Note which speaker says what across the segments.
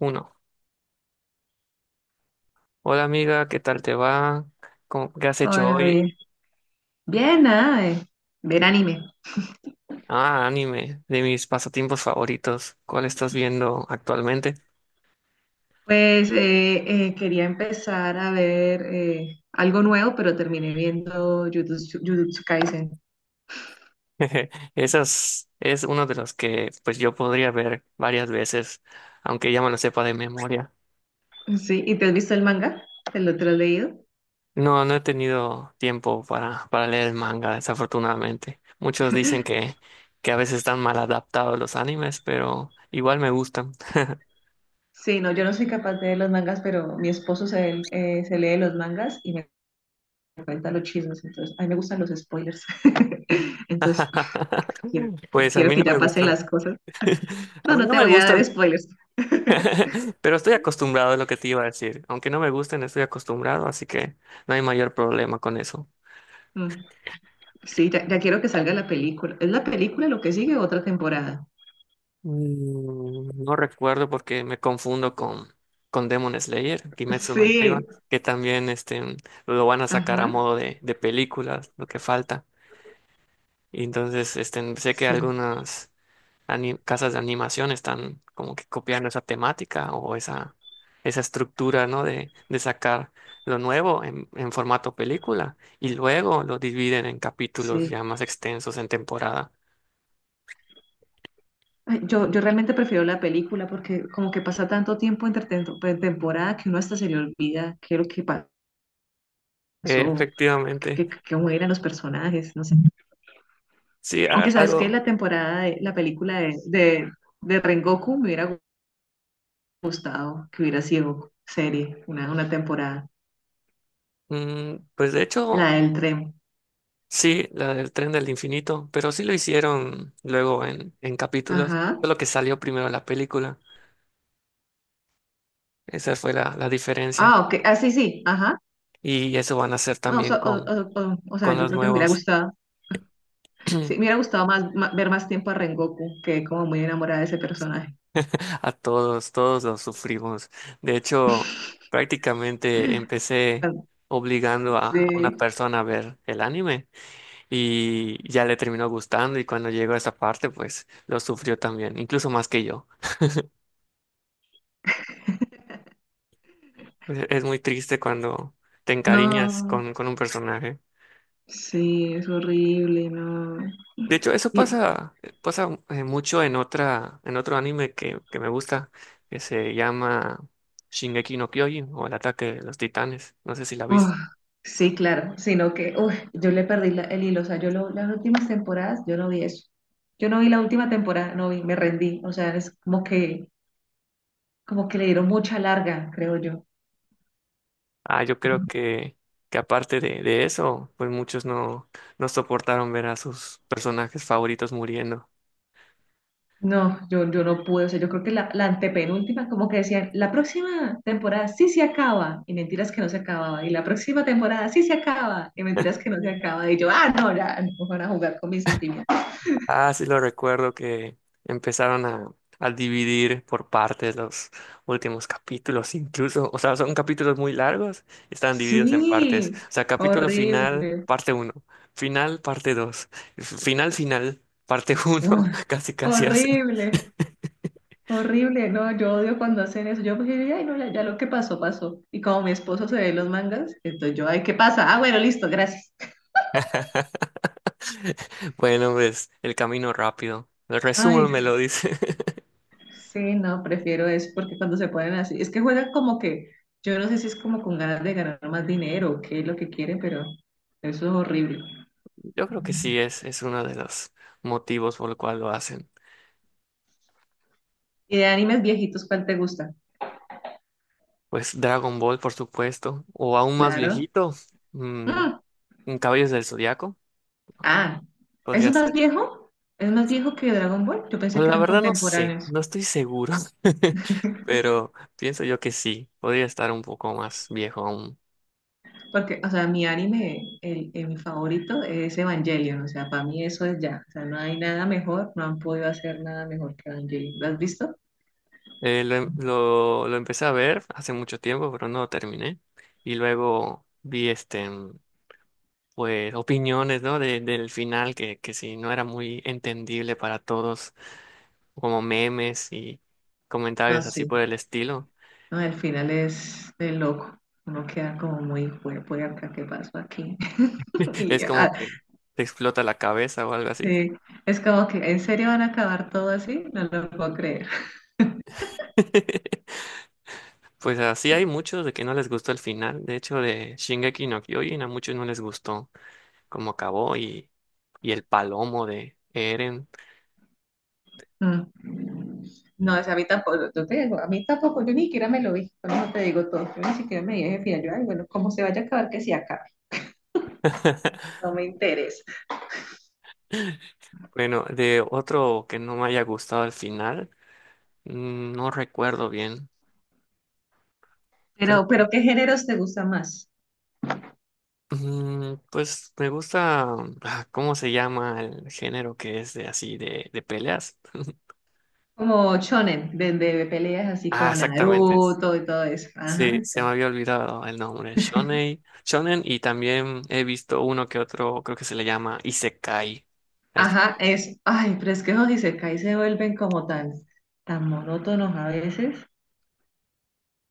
Speaker 1: Uno. Hola amiga, ¿qué tal te va? ¿Qué has hecho
Speaker 2: Hola,
Speaker 1: hoy?
Speaker 2: bien. Bien, nada, de ver anime.
Speaker 1: Ah, anime, de mis pasatiempos favoritos. ¿Cuál estás viendo actualmente?
Speaker 2: Pues quería empezar a ver algo nuevo, pero terminé viendo Jujutsu Kaisen.
Speaker 1: Esas es uno de los que pues yo podría ver varias veces, aunque ya me lo sepa de memoria.
Speaker 2: Sí, ¿y te has visto el manga? Te lo has leído?
Speaker 1: No he tenido tiempo para leer el manga, desafortunadamente. Muchos dicen que a veces están mal adaptados los animes, pero igual me gustan.
Speaker 2: Sí, no, yo no soy capaz de leer los mangas, pero mi esposo se lee los mangas y me cuenta los chismes, entonces a mí me gustan los spoilers. Entonces, ah, quiero,
Speaker 1: Pues a
Speaker 2: quiero
Speaker 1: mí no
Speaker 2: que ya
Speaker 1: me
Speaker 2: pasen
Speaker 1: gustan.
Speaker 2: las cosas.
Speaker 1: A
Speaker 2: No,
Speaker 1: mí
Speaker 2: no
Speaker 1: no
Speaker 2: te
Speaker 1: me
Speaker 2: voy a dar
Speaker 1: gustan.
Speaker 2: spoilers.
Speaker 1: Pero estoy acostumbrado a lo que te iba a decir. Aunque no me gusten, estoy acostumbrado, así que no hay mayor problema con eso.
Speaker 2: Mm. Sí, ya quiero que salga la película. ¿Es la película lo que sigue o otra temporada?
Speaker 1: No recuerdo porque me confundo con Demon Slayer, Kimetsu no
Speaker 2: Sí,
Speaker 1: Yaiba, que también lo van a sacar
Speaker 2: ajá,
Speaker 1: a modo de películas, lo que falta. Y entonces este, sé que
Speaker 2: sí,
Speaker 1: algunas. Casas de animación están como que copiando esa temática o esa estructura, ¿no? De sacar lo nuevo en formato película y luego lo dividen en
Speaker 2: sí.
Speaker 1: capítulos ya más extensos en temporada.
Speaker 2: Ay, yo realmente prefiero la película porque como que pasa tanto tiempo entre temporada que uno hasta se le olvida qué es lo que pasó,
Speaker 1: Efectivamente,
Speaker 2: cómo eran los personajes, no sé.
Speaker 1: sí,
Speaker 2: Aunque sabes que
Speaker 1: algo,
Speaker 2: la película de Rengoku me hubiera gustado que hubiera sido serie, una temporada,
Speaker 1: pues de
Speaker 2: la
Speaker 1: hecho,
Speaker 2: del tren.
Speaker 1: sí, la del tren del infinito, pero sí lo hicieron luego en capítulos,
Speaker 2: Ajá.
Speaker 1: solo que salió primero la película, esa fue la diferencia,
Speaker 2: Ah, ok. Ah, sí, sí. Ajá.
Speaker 1: y eso van a hacer
Speaker 2: No,
Speaker 1: también
Speaker 2: o sea,
Speaker 1: con
Speaker 2: yo
Speaker 1: los
Speaker 2: creo que me hubiera
Speaker 1: nuevos.
Speaker 2: gustado, sí, me hubiera gustado más, ver más tiempo a Rengoku, que como muy enamorada de ese personaje.
Speaker 1: A todos, todos los sufrimos. De hecho, prácticamente empecé
Speaker 2: Ah,
Speaker 1: obligando a una
Speaker 2: sí,
Speaker 1: persona a ver el anime y ya le terminó gustando y cuando llegó a esa parte, pues lo sufrió también, incluso más que yo. Pues, es muy triste cuando te encariñas
Speaker 2: no,
Speaker 1: con un personaje.
Speaker 2: sí, es horrible, no.
Speaker 1: De hecho, eso
Speaker 2: Y-
Speaker 1: pasa, pasa mucho en en otro anime que me gusta, que se llama Shingeki no Kyojin o El ataque de los titanes. No sé si la viste.
Speaker 2: uf, sí, claro, sino que uf, yo le perdí el hilo, o sea, las últimas temporadas, yo no vi eso. Yo no vi la última temporada, no vi, me rendí, o sea, es como que le dieron mucha larga, creo yo.
Speaker 1: Ah, yo creo que aparte de eso, pues muchos no soportaron ver a sus personajes favoritos muriendo.
Speaker 2: No, yo no pude, o sea, yo creo que la antepenúltima, como que decían, la próxima temporada sí se acaba, y mentiras que no se acababa, y la próxima temporada sí se acaba, y mentiras que no se acaba, y yo, ah, no, ya, no van a jugar con mis sentimientos.
Speaker 1: Ah, sí lo recuerdo que empezaron a dividir por partes los últimos capítulos, incluso, o sea, son capítulos muy largos, están divididos en partes.
Speaker 2: Sí,
Speaker 1: O sea, capítulo final,
Speaker 2: horrible.
Speaker 1: parte uno, final, parte 2, final, final, parte uno,
Speaker 2: Uf,
Speaker 1: casi casi así.
Speaker 2: horrible, horrible, no, yo odio cuando hacen eso, yo pues, diría, ay, no, ya, ya lo que pasó, pasó, y como mi esposo se ve los mangas, entonces yo, ay, ¿qué pasa? Ah, bueno, listo, gracias.
Speaker 1: Bueno, pues el camino rápido. El
Speaker 2: Ay,
Speaker 1: resumen me lo
Speaker 2: sí.
Speaker 1: dice.
Speaker 2: Sí, no, prefiero eso porque cuando se ponen así, es que juegan yo no sé si es como con ganas de ganar más dinero o qué es lo que quieren, pero eso es horrible.
Speaker 1: Yo creo que sí es uno de los motivos por el cual lo hacen.
Speaker 2: ¿Y de animes viejitos cuál te gusta?
Speaker 1: Pues Dragon Ball, por supuesto. O aún más
Speaker 2: Claro.
Speaker 1: viejito, mm,
Speaker 2: Mm,
Speaker 1: Caballos del Zodiaco,
Speaker 2: ah, ¿es
Speaker 1: podría
Speaker 2: más
Speaker 1: ser.
Speaker 2: viejo? ¿Es más viejo que Dragon Ball? Yo pensé
Speaker 1: Bueno,
Speaker 2: que
Speaker 1: la
Speaker 2: eran
Speaker 1: verdad no sé,
Speaker 2: contemporáneos,
Speaker 1: no estoy seguro. Pero pienso yo que sí, podría estar un poco más viejo aún.
Speaker 2: porque, o sea, mi anime, mi favorito es Evangelion, o sea, para mí eso es ya, o sea, no hay nada mejor, no han podido hacer nada mejor que Evangelion. ¿Lo has visto?
Speaker 1: Lo empecé a ver hace mucho tiempo, pero no lo terminé. Y luego vi este. Pues opiniones, ¿no? Del final que sí no era muy entendible para todos, como memes y
Speaker 2: No,
Speaker 1: comentarios así
Speaker 2: sí.
Speaker 1: por el estilo.
Speaker 2: No, el final es de loco. Uno queda como muy cuerpo y acá, ¿qué pasó aquí? Y,
Speaker 1: Es
Speaker 2: ah,
Speaker 1: como que te explota la cabeza o algo así.
Speaker 2: sí, es como que, ¿en serio van a acabar todo así? No lo puedo creer.
Speaker 1: Pues así hay muchos de que no les gustó el final. De hecho, de Shingeki no Kyojin a muchos no les gustó cómo acabó y el palomo de Eren.
Speaker 2: Mm. No, es a mí tampoco, yo te digo, a mí tampoco, yo ni siquiera me lo vi, por eso te digo todo, yo ni siquiera me dije, final, yo, ay, bueno, como se vaya a acabar, que se acabe, no me interesa.
Speaker 1: Bueno, de otro que no me haya gustado el final, mm, no recuerdo bien. Creo
Speaker 2: Pero
Speaker 1: que
Speaker 2: ¿qué géneros te gusta más?
Speaker 1: mm, pues me gusta, ah, ¿cómo se llama el género que es de así de peleas?
Speaker 2: Como shonen, de peleas así
Speaker 1: Ah,
Speaker 2: como
Speaker 1: exactamente.
Speaker 2: Naruto y todo eso.
Speaker 1: Sí,
Speaker 2: Ajá, sí.
Speaker 1: se me había olvidado el nombre. Shonen, Shonen y también he visto uno que otro, creo que se le llama Isekai. Al
Speaker 2: Ajá,
Speaker 1: género.
Speaker 2: es, ay, pero es que los isekais se vuelven tan monótonos a veces,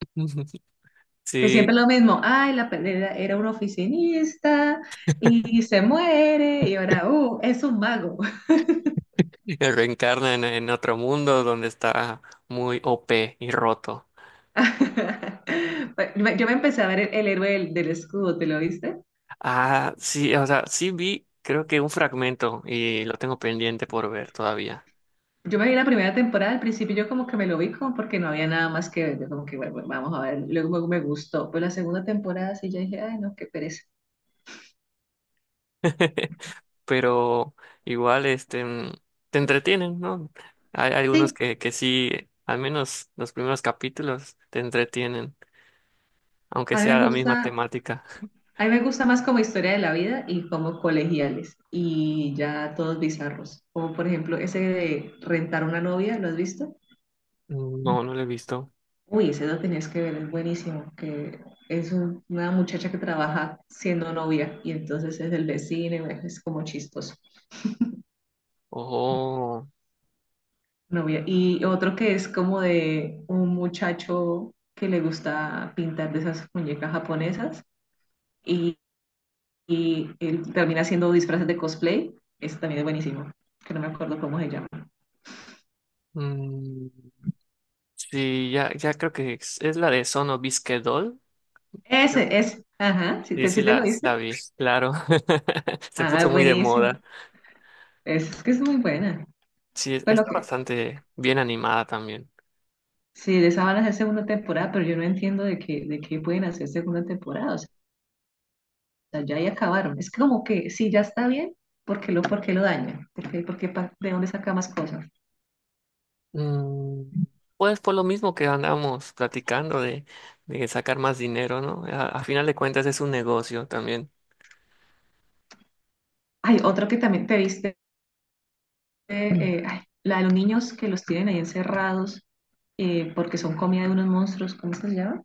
Speaker 2: que
Speaker 1: Sí,
Speaker 2: siempre es lo mismo, ay, la pelea era un oficinista y se muere y ahora, es un mago.
Speaker 1: que reencarna en otro mundo donde está muy OP y roto.
Speaker 2: Yo me empecé a ver el héroe del escudo, ¿te lo viste?
Speaker 1: Ah, sí, o sea, sí vi, creo que un fragmento y lo tengo pendiente por ver todavía.
Speaker 2: Yo me vi la primera temporada, al principio yo como que me lo vi como porque no había nada más que ver, yo como que bueno, bueno, vamos a ver, luego me gustó, pero la segunda temporada sí ya dije, ay, no, qué pereza.
Speaker 1: Pero igual este te entretienen, ¿no? Hay algunos
Speaker 2: Sí,
Speaker 1: que sí, al menos los primeros capítulos te entretienen, aunque
Speaker 2: a mí
Speaker 1: sea
Speaker 2: me
Speaker 1: la misma
Speaker 2: gusta,
Speaker 1: temática.
Speaker 2: a mí me gusta más como historia de la vida y como colegiales y ya todos bizarros. Como por ejemplo ese de rentar una novia, ¿lo has visto?
Speaker 1: No, no lo he visto.
Speaker 2: Uy, ese lo tenías que ver, es buenísimo, que es una muchacha que trabaja siendo novia y entonces es del vecino, y bueno, es como chistoso.
Speaker 1: Oh,
Speaker 2: Novia. Y otro que es como de un muchacho que le gusta pintar de esas muñecas japonesas y, y él termina haciendo disfraces de cosplay, ese también es buenísimo, que no me acuerdo cómo se llama.
Speaker 1: mm, sí, ya, ya creo que es la de Sono Bisque Doll, creo.
Speaker 2: Ese. Ajá, si
Speaker 1: Sí,
Speaker 2: te,
Speaker 1: sí,
Speaker 2: sí te lo
Speaker 1: la, sí
Speaker 2: dice.
Speaker 1: la vi, claro. Se
Speaker 2: Ah,
Speaker 1: puso muy de
Speaker 2: buenísimo.
Speaker 1: moda.
Speaker 2: Es que es muy buena.
Speaker 1: Sí,
Speaker 2: Pues lo
Speaker 1: está
Speaker 2: que,
Speaker 1: bastante bien animada también.
Speaker 2: sí, de esa van a hacer segunda temporada, pero yo no entiendo de qué pueden hacer segunda temporada. O sea, ya ahí acabaron. Es como que si ya está bien, por qué lo dañan? Por qué de dónde saca más cosas?
Speaker 1: Mm, pues por lo mismo que andamos platicando de sacar más dinero, ¿no? A final de cuentas es un negocio también.
Speaker 2: Hay otro que también te viste,
Speaker 1: Mm.
Speaker 2: ay, la de los niños que los tienen ahí encerrados, porque son comida de unos monstruos. ¿Cómo es que se llama?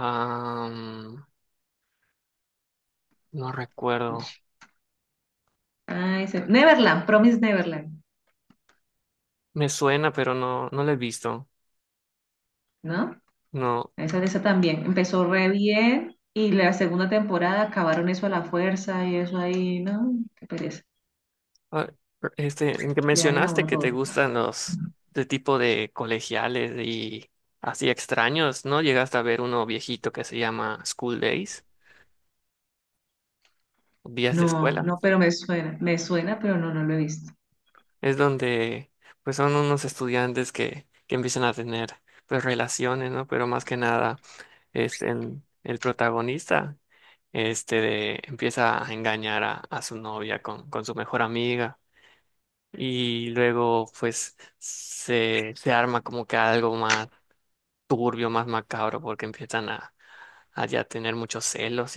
Speaker 1: Am, no recuerdo.
Speaker 2: Ay, Neverland, Promise Neverland,
Speaker 1: Me suena, pero no, no lo he visto.
Speaker 2: ¿no?
Speaker 1: No.
Speaker 2: Esa también empezó re bien y la segunda temporada acabaron eso a la fuerza y eso ahí, no, qué pereza.
Speaker 1: Ah, este, en que
Speaker 2: Le dañan a
Speaker 1: mencionaste
Speaker 2: uno
Speaker 1: que te
Speaker 2: todo.
Speaker 1: gustan los de tipo de colegiales y así extraños, ¿no? Llegaste a ver uno viejito que se llama School Days, días de
Speaker 2: No,
Speaker 1: escuela.
Speaker 2: no, pero me suena, pero no, no lo he visto.
Speaker 1: Es donde pues son unos estudiantes que empiezan a tener pues relaciones, ¿no? Pero más que nada, el protagonista empieza a engañar a su novia con su mejor amiga y luego pues se arma como que algo más turbio, más macabro porque empiezan a ya tener muchos celos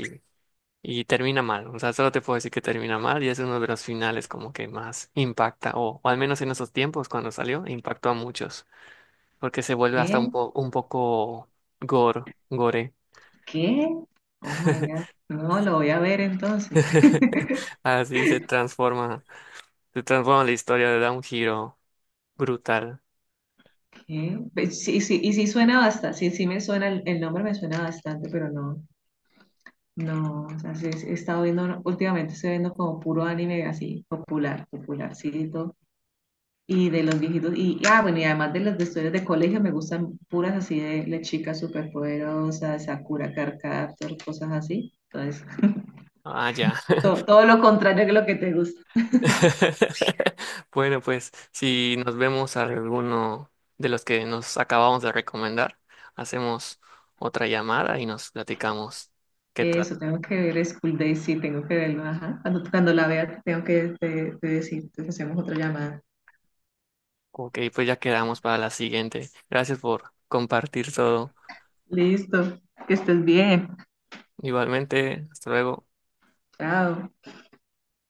Speaker 1: y termina mal, o sea, solo te puedo decir que termina mal y es uno de los finales como que más impacta, o al menos en esos tiempos cuando salió, impactó a muchos, porque se vuelve hasta un,
Speaker 2: ¿Qué?
Speaker 1: un poco gore, gore.
Speaker 2: ¿Qué? Oh my God. No, lo voy a ver entonces.
Speaker 1: Así se transforma la historia, le da un giro brutal.
Speaker 2: ¿Qué? Pe- sí, sí, y sí suena bastante, sí, sí me suena, el nombre me suena bastante, pero no, no, o sea, sí, sí, he estado viendo, últimamente estoy viendo como puro anime así, popular, popularcito. Y de los viejitos, y ah, bueno, y además de las de historias de colegio, me gustan puras así de las chicas superpoderosas Sakura Carcaptor, cosas así. Entonces,
Speaker 1: Ah, ya.
Speaker 2: todo lo contrario que lo que te gusta.
Speaker 1: Bueno, pues si nos vemos a alguno de los que nos acabamos de recomendar, hacemos otra llamada y nos platicamos qué tal.
Speaker 2: Eso, tengo que ver School Days, sí, tengo que verlo, ajá. Cuando la vea, te decir, entonces hacemos otra llamada.
Speaker 1: Ok, pues ya quedamos para la siguiente. Gracias por compartir todo.
Speaker 2: Listo, que estés bien.
Speaker 1: Igualmente, hasta luego.
Speaker 2: Chao.